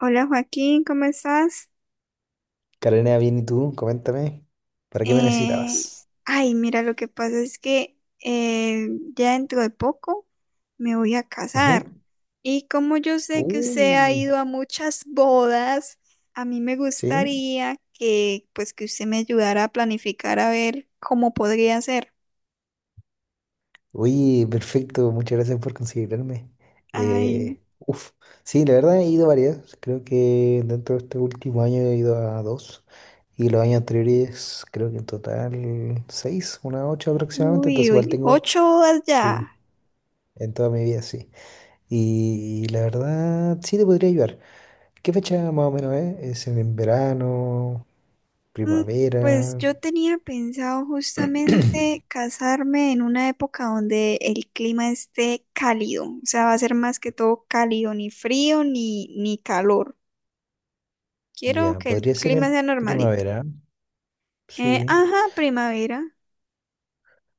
Hola Joaquín, ¿cómo estás? Carolina, bien, ¿y tú? Coméntame, ¿para qué me Eh, necesitabas? Mira, lo que pasa es que ya dentro de poco me voy a casar. Ujú. Y como yo sé que usted ha Uh, ido a muchas bodas, a mí me sí. gustaría que, pues, que usted me ayudara a planificar a ver cómo podría ser. Uy, perfecto, muchas gracias por considerarme. Ay, Uf, sí, la verdad he ido varias. Creo que dentro de este último año he ido a dos. Y los años anteriores, creo que en total seis, unas ocho aproximadamente. uy, Entonces, igual uy, tengo, ocho bodas ya. sí, en toda mi vida, sí. Y, la verdad, sí te podría ayudar. ¿Qué fecha más o menos es? ¿Es en verano? Mm, Pues Primavera. yo tenía pensado justamente casarme en una época donde el clima esté cálido, o sea, va a ser más que todo cálido, ni frío ni calor. Quiero Ya, que el podría ser clima en sea normalito. primavera, sí. Ajá, primavera.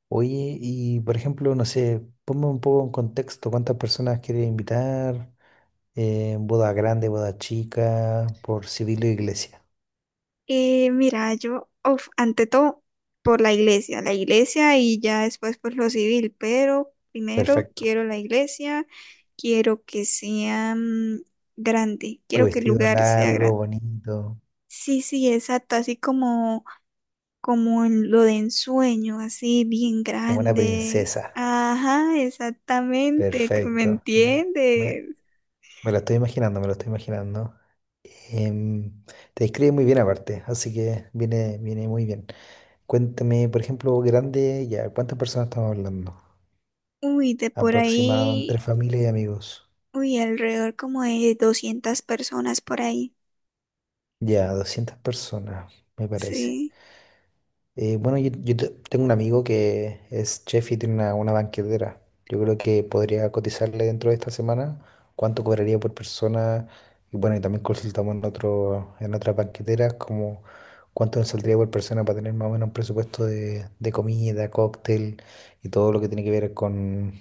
Oye, y por ejemplo, no sé, ponme un poco en contexto, ¿cuántas personas quieres invitar? Boda grande, boda chica, por civil o iglesia. Mira, yo, uf, ante todo, por la iglesia y ya después por lo civil, pero primero Perfecto. quiero la iglesia, quiero que sea grande, Tu quiero que el vestido lugar sea largo, grande. bonito, Sí, sí, exacto, como en lo de ensueño, así bien como una grande. princesa. Ajá, exactamente, que me Perfecto. Ya. Me, entiendes? me lo estoy imaginando, me lo estoy imaginando. Em, Te describe muy bien aparte, así que viene muy bien. Cuéntame, por ejemplo, grande, ya, ¿cuántas personas estamos hablando? Uy, de por Aproximado entre ahí, familia y amigos. uy, alrededor como de 200 personas por ahí. Ya, 200 personas, me parece. Sí. Bueno, yo tengo un amigo que es chef y tiene una banquetera. Yo creo que podría cotizarle dentro de esta semana cuánto cobraría por persona. Y bueno, y también consultamos en otras banqueteras como cuánto nos saldría por persona para tener más o menos un presupuesto de comida, cóctel y todo lo que tiene que ver con,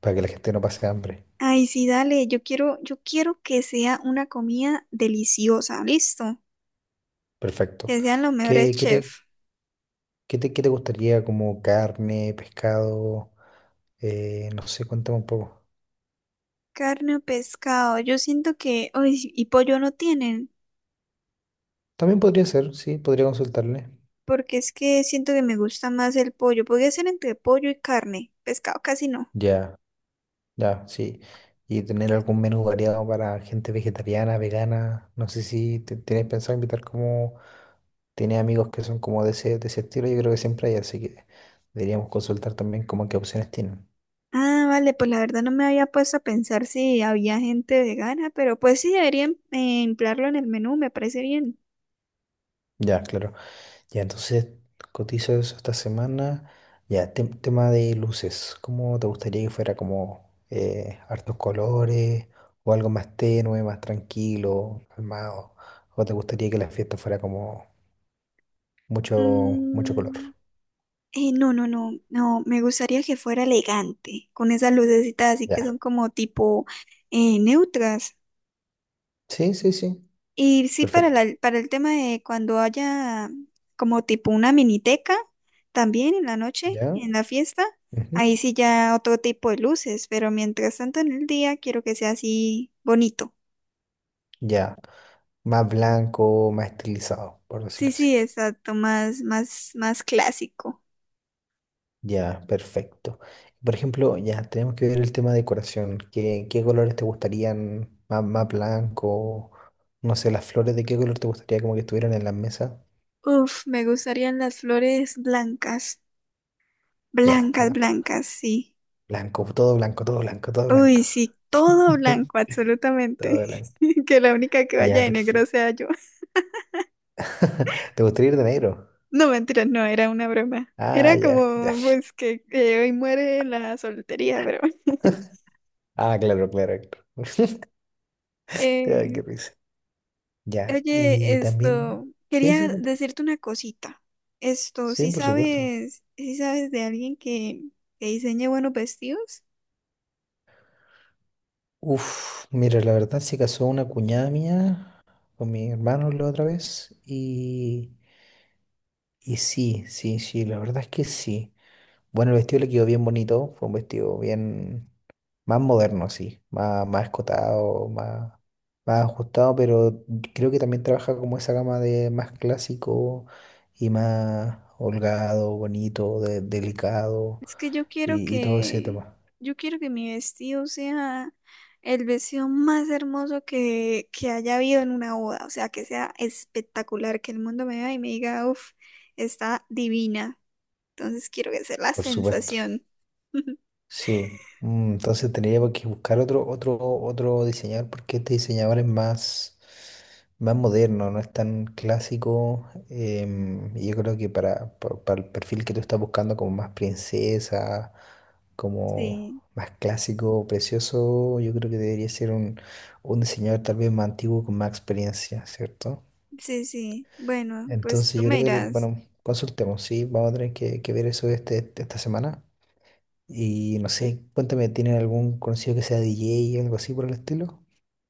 para que la gente no pase hambre. Ay, sí, dale, yo quiero que sea una comida deliciosa, listo. Perfecto. Que sean los mejores ¿Qué, qué te- chefs. qué te gustaría como carne, pescado? No sé, cuéntame un poco. Carne o pescado, yo siento que, uy, y pollo no tienen. También podría ser, sí, podría consultarle. Porque es que siento que me gusta más el pollo. Podría ser entre pollo y carne, pescado casi no. Ya, ya, sí. Y tener algún menú variado para gente vegetariana, vegana. No sé si tienes pensado invitar como. Tienes amigos que son como de ese estilo, yo creo que siempre hay, así que deberíamos consultar también como qué opciones tienen. Ah, vale, pues la verdad no me había puesto a pensar si había gente vegana, pero pues sí debería emplearlo en el menú, me parece bien. Ya, claro. Ya, entonces cotizo eso esta semana. Ya, tema de luces. ¿Cómo te gustaría que fuera como hartos colores o algo más tenue, más tranquilo, calmado? ¿O te gustaría que la fiesta fuera como mucho, mucho color? Mm, no, no, no, no, me gustaría que fuera elegante, con esas lucecitas así que Ya. son como tipo neutras. Sí, sí, sí. Y sí, Perfecto. Para el tema de cuando haya como tipo una miniteca, también en la noche, Ya. en la fiesta, ujú, ahí sí ya otro tipo de luces, pero mientras tanto en el día quiero que sea así bonito. Ya. Más blanco, más estilizado, por Sí, decirlo así. sí, exacto, más, más, más clásico. Ya, perfecto. Por ejemplo, ya tenemos que ver el tema de decoración. ¿Qué colores te gustarían? Más blanco, no sé, las flores de qué color te gustaría como que estuvieran en la mesa. Uf, me gustarían las flores blancas, Ya, blancas, blanco. blancas, sí. Blanco, todo blanco, todo blanco, todo blanco. Uy, sí, todo blanco, absolutamente. Todo blanco. Que la única que vaya Ya, de negro perfecto. sea yo. ¿Te gustaría ir de negro? No, mentira, no, era una broma. Ah, Era ya, ya. como, pues, que hoy muere la soltería, pero... Ah, claro, claro, claro. Ay, Eh, qué risa. Ya, y oye, también. esto, Sí, quería sí, conté. decirte una cosita. Esto, Sí, por supuesto. ¿Si sabes de alguien que diseñe buenos vestidos? Uf, mira, la verdad se casó una cuñada mía, con mis hermanos la otra vez y sí, sí, sí, la verdad es que sí. Bueno, el vestido le quedó bien bonito, fue un vestido bien más moderno, sí, más escotado, más ajustado, pero creo que también trabaja como esa gama de más clásico y más holgado, bonito, delicado Es que y todo ese tema, yo quiero que mi vestido sea el vestido más hermoso que haya habido en una boda. O sea, que sea espectacular, que el mundo me vea y me diga, uff, está divina. Entonces quiero que sea la por supuesto. sensación. Sí, entonces tendría que buscar otro diseñador porque este diseñador es más, moderno, no es tan clásico. Y yo creo que para el perfil que tú estás buscando, como más princesa, como Sí, más clásico, precioso, yo creo que debería ser un diseñador tal vez más antiguo con más experiencia, ¿cierto? sí, sí. Bueno, pues Entonces tú yo me creo que, dirás. bueno, consultemos, sí, vamos a tener que ver eso esta semana. Y no sé, cuéntame, ¿tienen algún conocido que sea DJ o algo así por el estilo?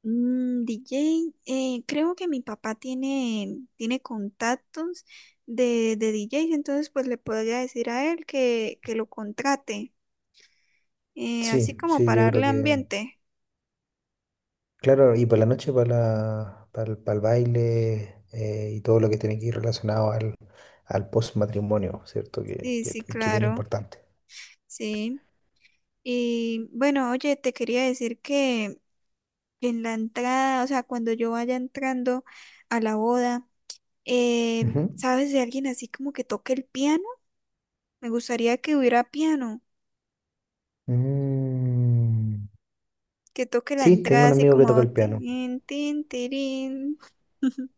Mm, DJ, creo que tiene contactos de DJs, entonces pues le podría decir a él que lo contrate, así Sí, como sí, para yo creo darle que. ambiente. Claro, y para la noche, para el baile y todo lo que tiene que ir relacionado al post-matrimonio, ¿cierto? Que, Sí, que, sí, que bien claro, importante. sí. Y bueno, oye, te quería decir que en la entrada, o sea, cuando yo vaya entrando a la boda, Ujú. ¿sabes de alguien así como que toque el piano? Me gustaría que hubiera piano, Mm, que toque la Sí, tengo entrada un así amigo que toca como el piano. tin, tin, tirín.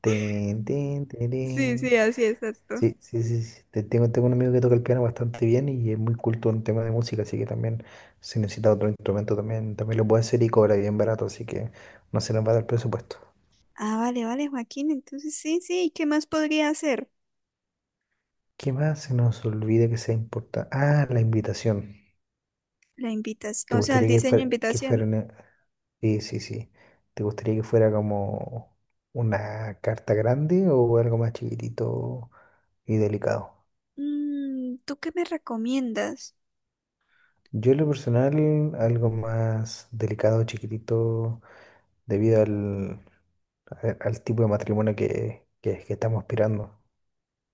Tin, tin, Sí, tirín. sí, así exacto. Sí, sí, sí, sí. Tengo un amigo que toca el piano bastante bien y es muy culto en temas de música, así que también si necesita otro instrumento también, también lo puede hacer y cobra bien barato, así que no se nos va a dar presupuesto. Ah, vale, vale, Joaquín, entonces sí, sí, ¿qué más podría hacer? ¿Qué más se nos olvida que sea importante? Ah, la invitación. La invitación, ¿Te o sea, el gustaría diseño de que invitación. fuera una- Sí, sí, sí. ¿Te gustaría que fuera como una carta grande o algo más chiquitito y delicado? Mm, ¿tú qué me recomiendas? Yo en lo personal, algo más delicado, chiquitito, debido al al tipo de matrimonio que estamos aspirando.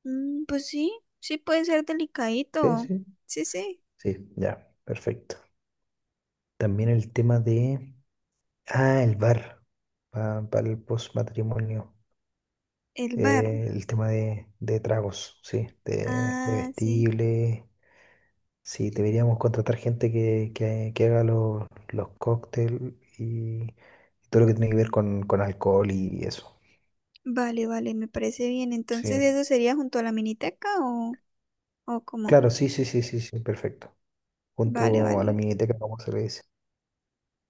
Mm, pues sí, sí puede ser Sí, delicadito. sí, Sí, sí, sí, ya, perfecto. También el tema de, el bar, para el postmatrimonio. el bar. El tema de tragos, sí, de Ah, sí. bebestibles. Sí, deberíamos contratar gente que haga los cócteles y todo lo que tiene que ver con alcohol y eso. Vale, vale, me parece bien. Entonces, Sí, ¿eso sería junto a la miniteca o cómo? claro, sí, sí, sí, sí, sí, perfecto. Vale, Junto a la vale. miniteca, como se le dice.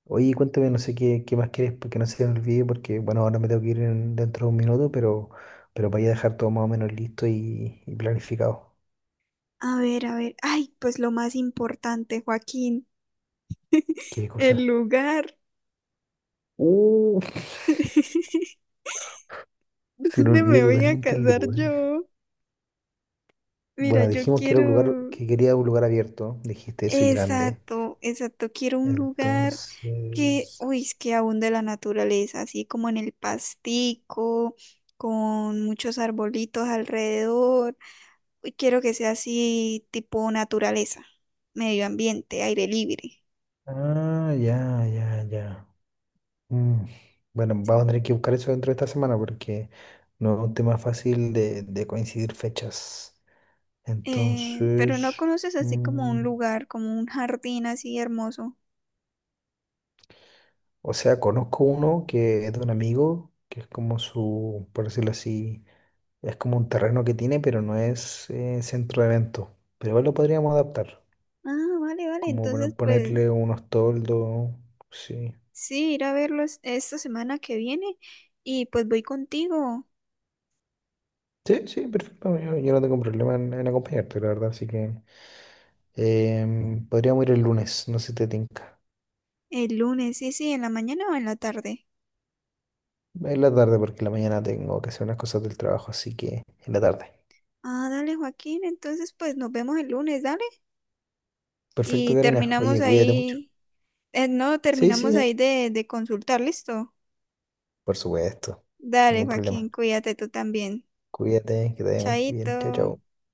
Oye, cuéntame, no sé qué más quieres, porque no se me olvide, porque bueno, ahora me tengo que ir dentro de un minuto, pero para ya dejar todo más o menos listo y planificado. A ver, a ver. Ay, pues lo más importante, Joaquín, Qué el cosa. lugar. Uh, Se me ¿Dónde me olvidó voy a totalmente el casar lugar. yo? Mira, Bueno, yo dijimos que era un lugar, quiero... que quería un lugar abierto. Dijiste eso y grande. Exacto, exacto. Quiero un lugar que, Entonces. uy, es que abunde la naturaleza, así como en el pastico, con muchos arbolitos alrededor. Uy, quiero que sea así tipo naturaleza, medio ambiente, aire libre. Ah, ya, ya, ya. Mm, Bueno, vamos a tener que buscar eso dentro de esta semana porque no es un tema fácil de coincidir fechas. Pero Entonces, no conoces así como un mm, lugar, como un jardín así hermoso. o sea, conozco uno que es de un amigo, que es como su, por decirlo así, es como un terreno que tiene, pero no es centro de eventos. Pero igual lo podríamos adaptar, Ah, vale, vale. como para Entonces, pues ponerle unos toldos, sí. sí, ir a verlo esta semana que viene y pues voy contigo Sí, sí, perfecto. Yo no tengo problema en acompañarte, la verdad. Así que podríamos ir el lunes, no sé si te tinca. el lunes, sí, sí, en la mañana o en la tarde. En la tarde, porque en la mañana tengo que hacer unas cosas del trabajo, así que en la tarde. Ah, dale, Joaquín. Entonces, pues nos vemos el lunes, dale. Perfecto, Y Karina. terminamos Oye, cuídate mucho. ahí, no, Sí, terminamos sí, ahí de consultar, listo. por supuesto. Dale, Ningún Joaquín, problema. cuídate tú también. Cuídate, que te vaya muy Chaito. bien. Chao, chao.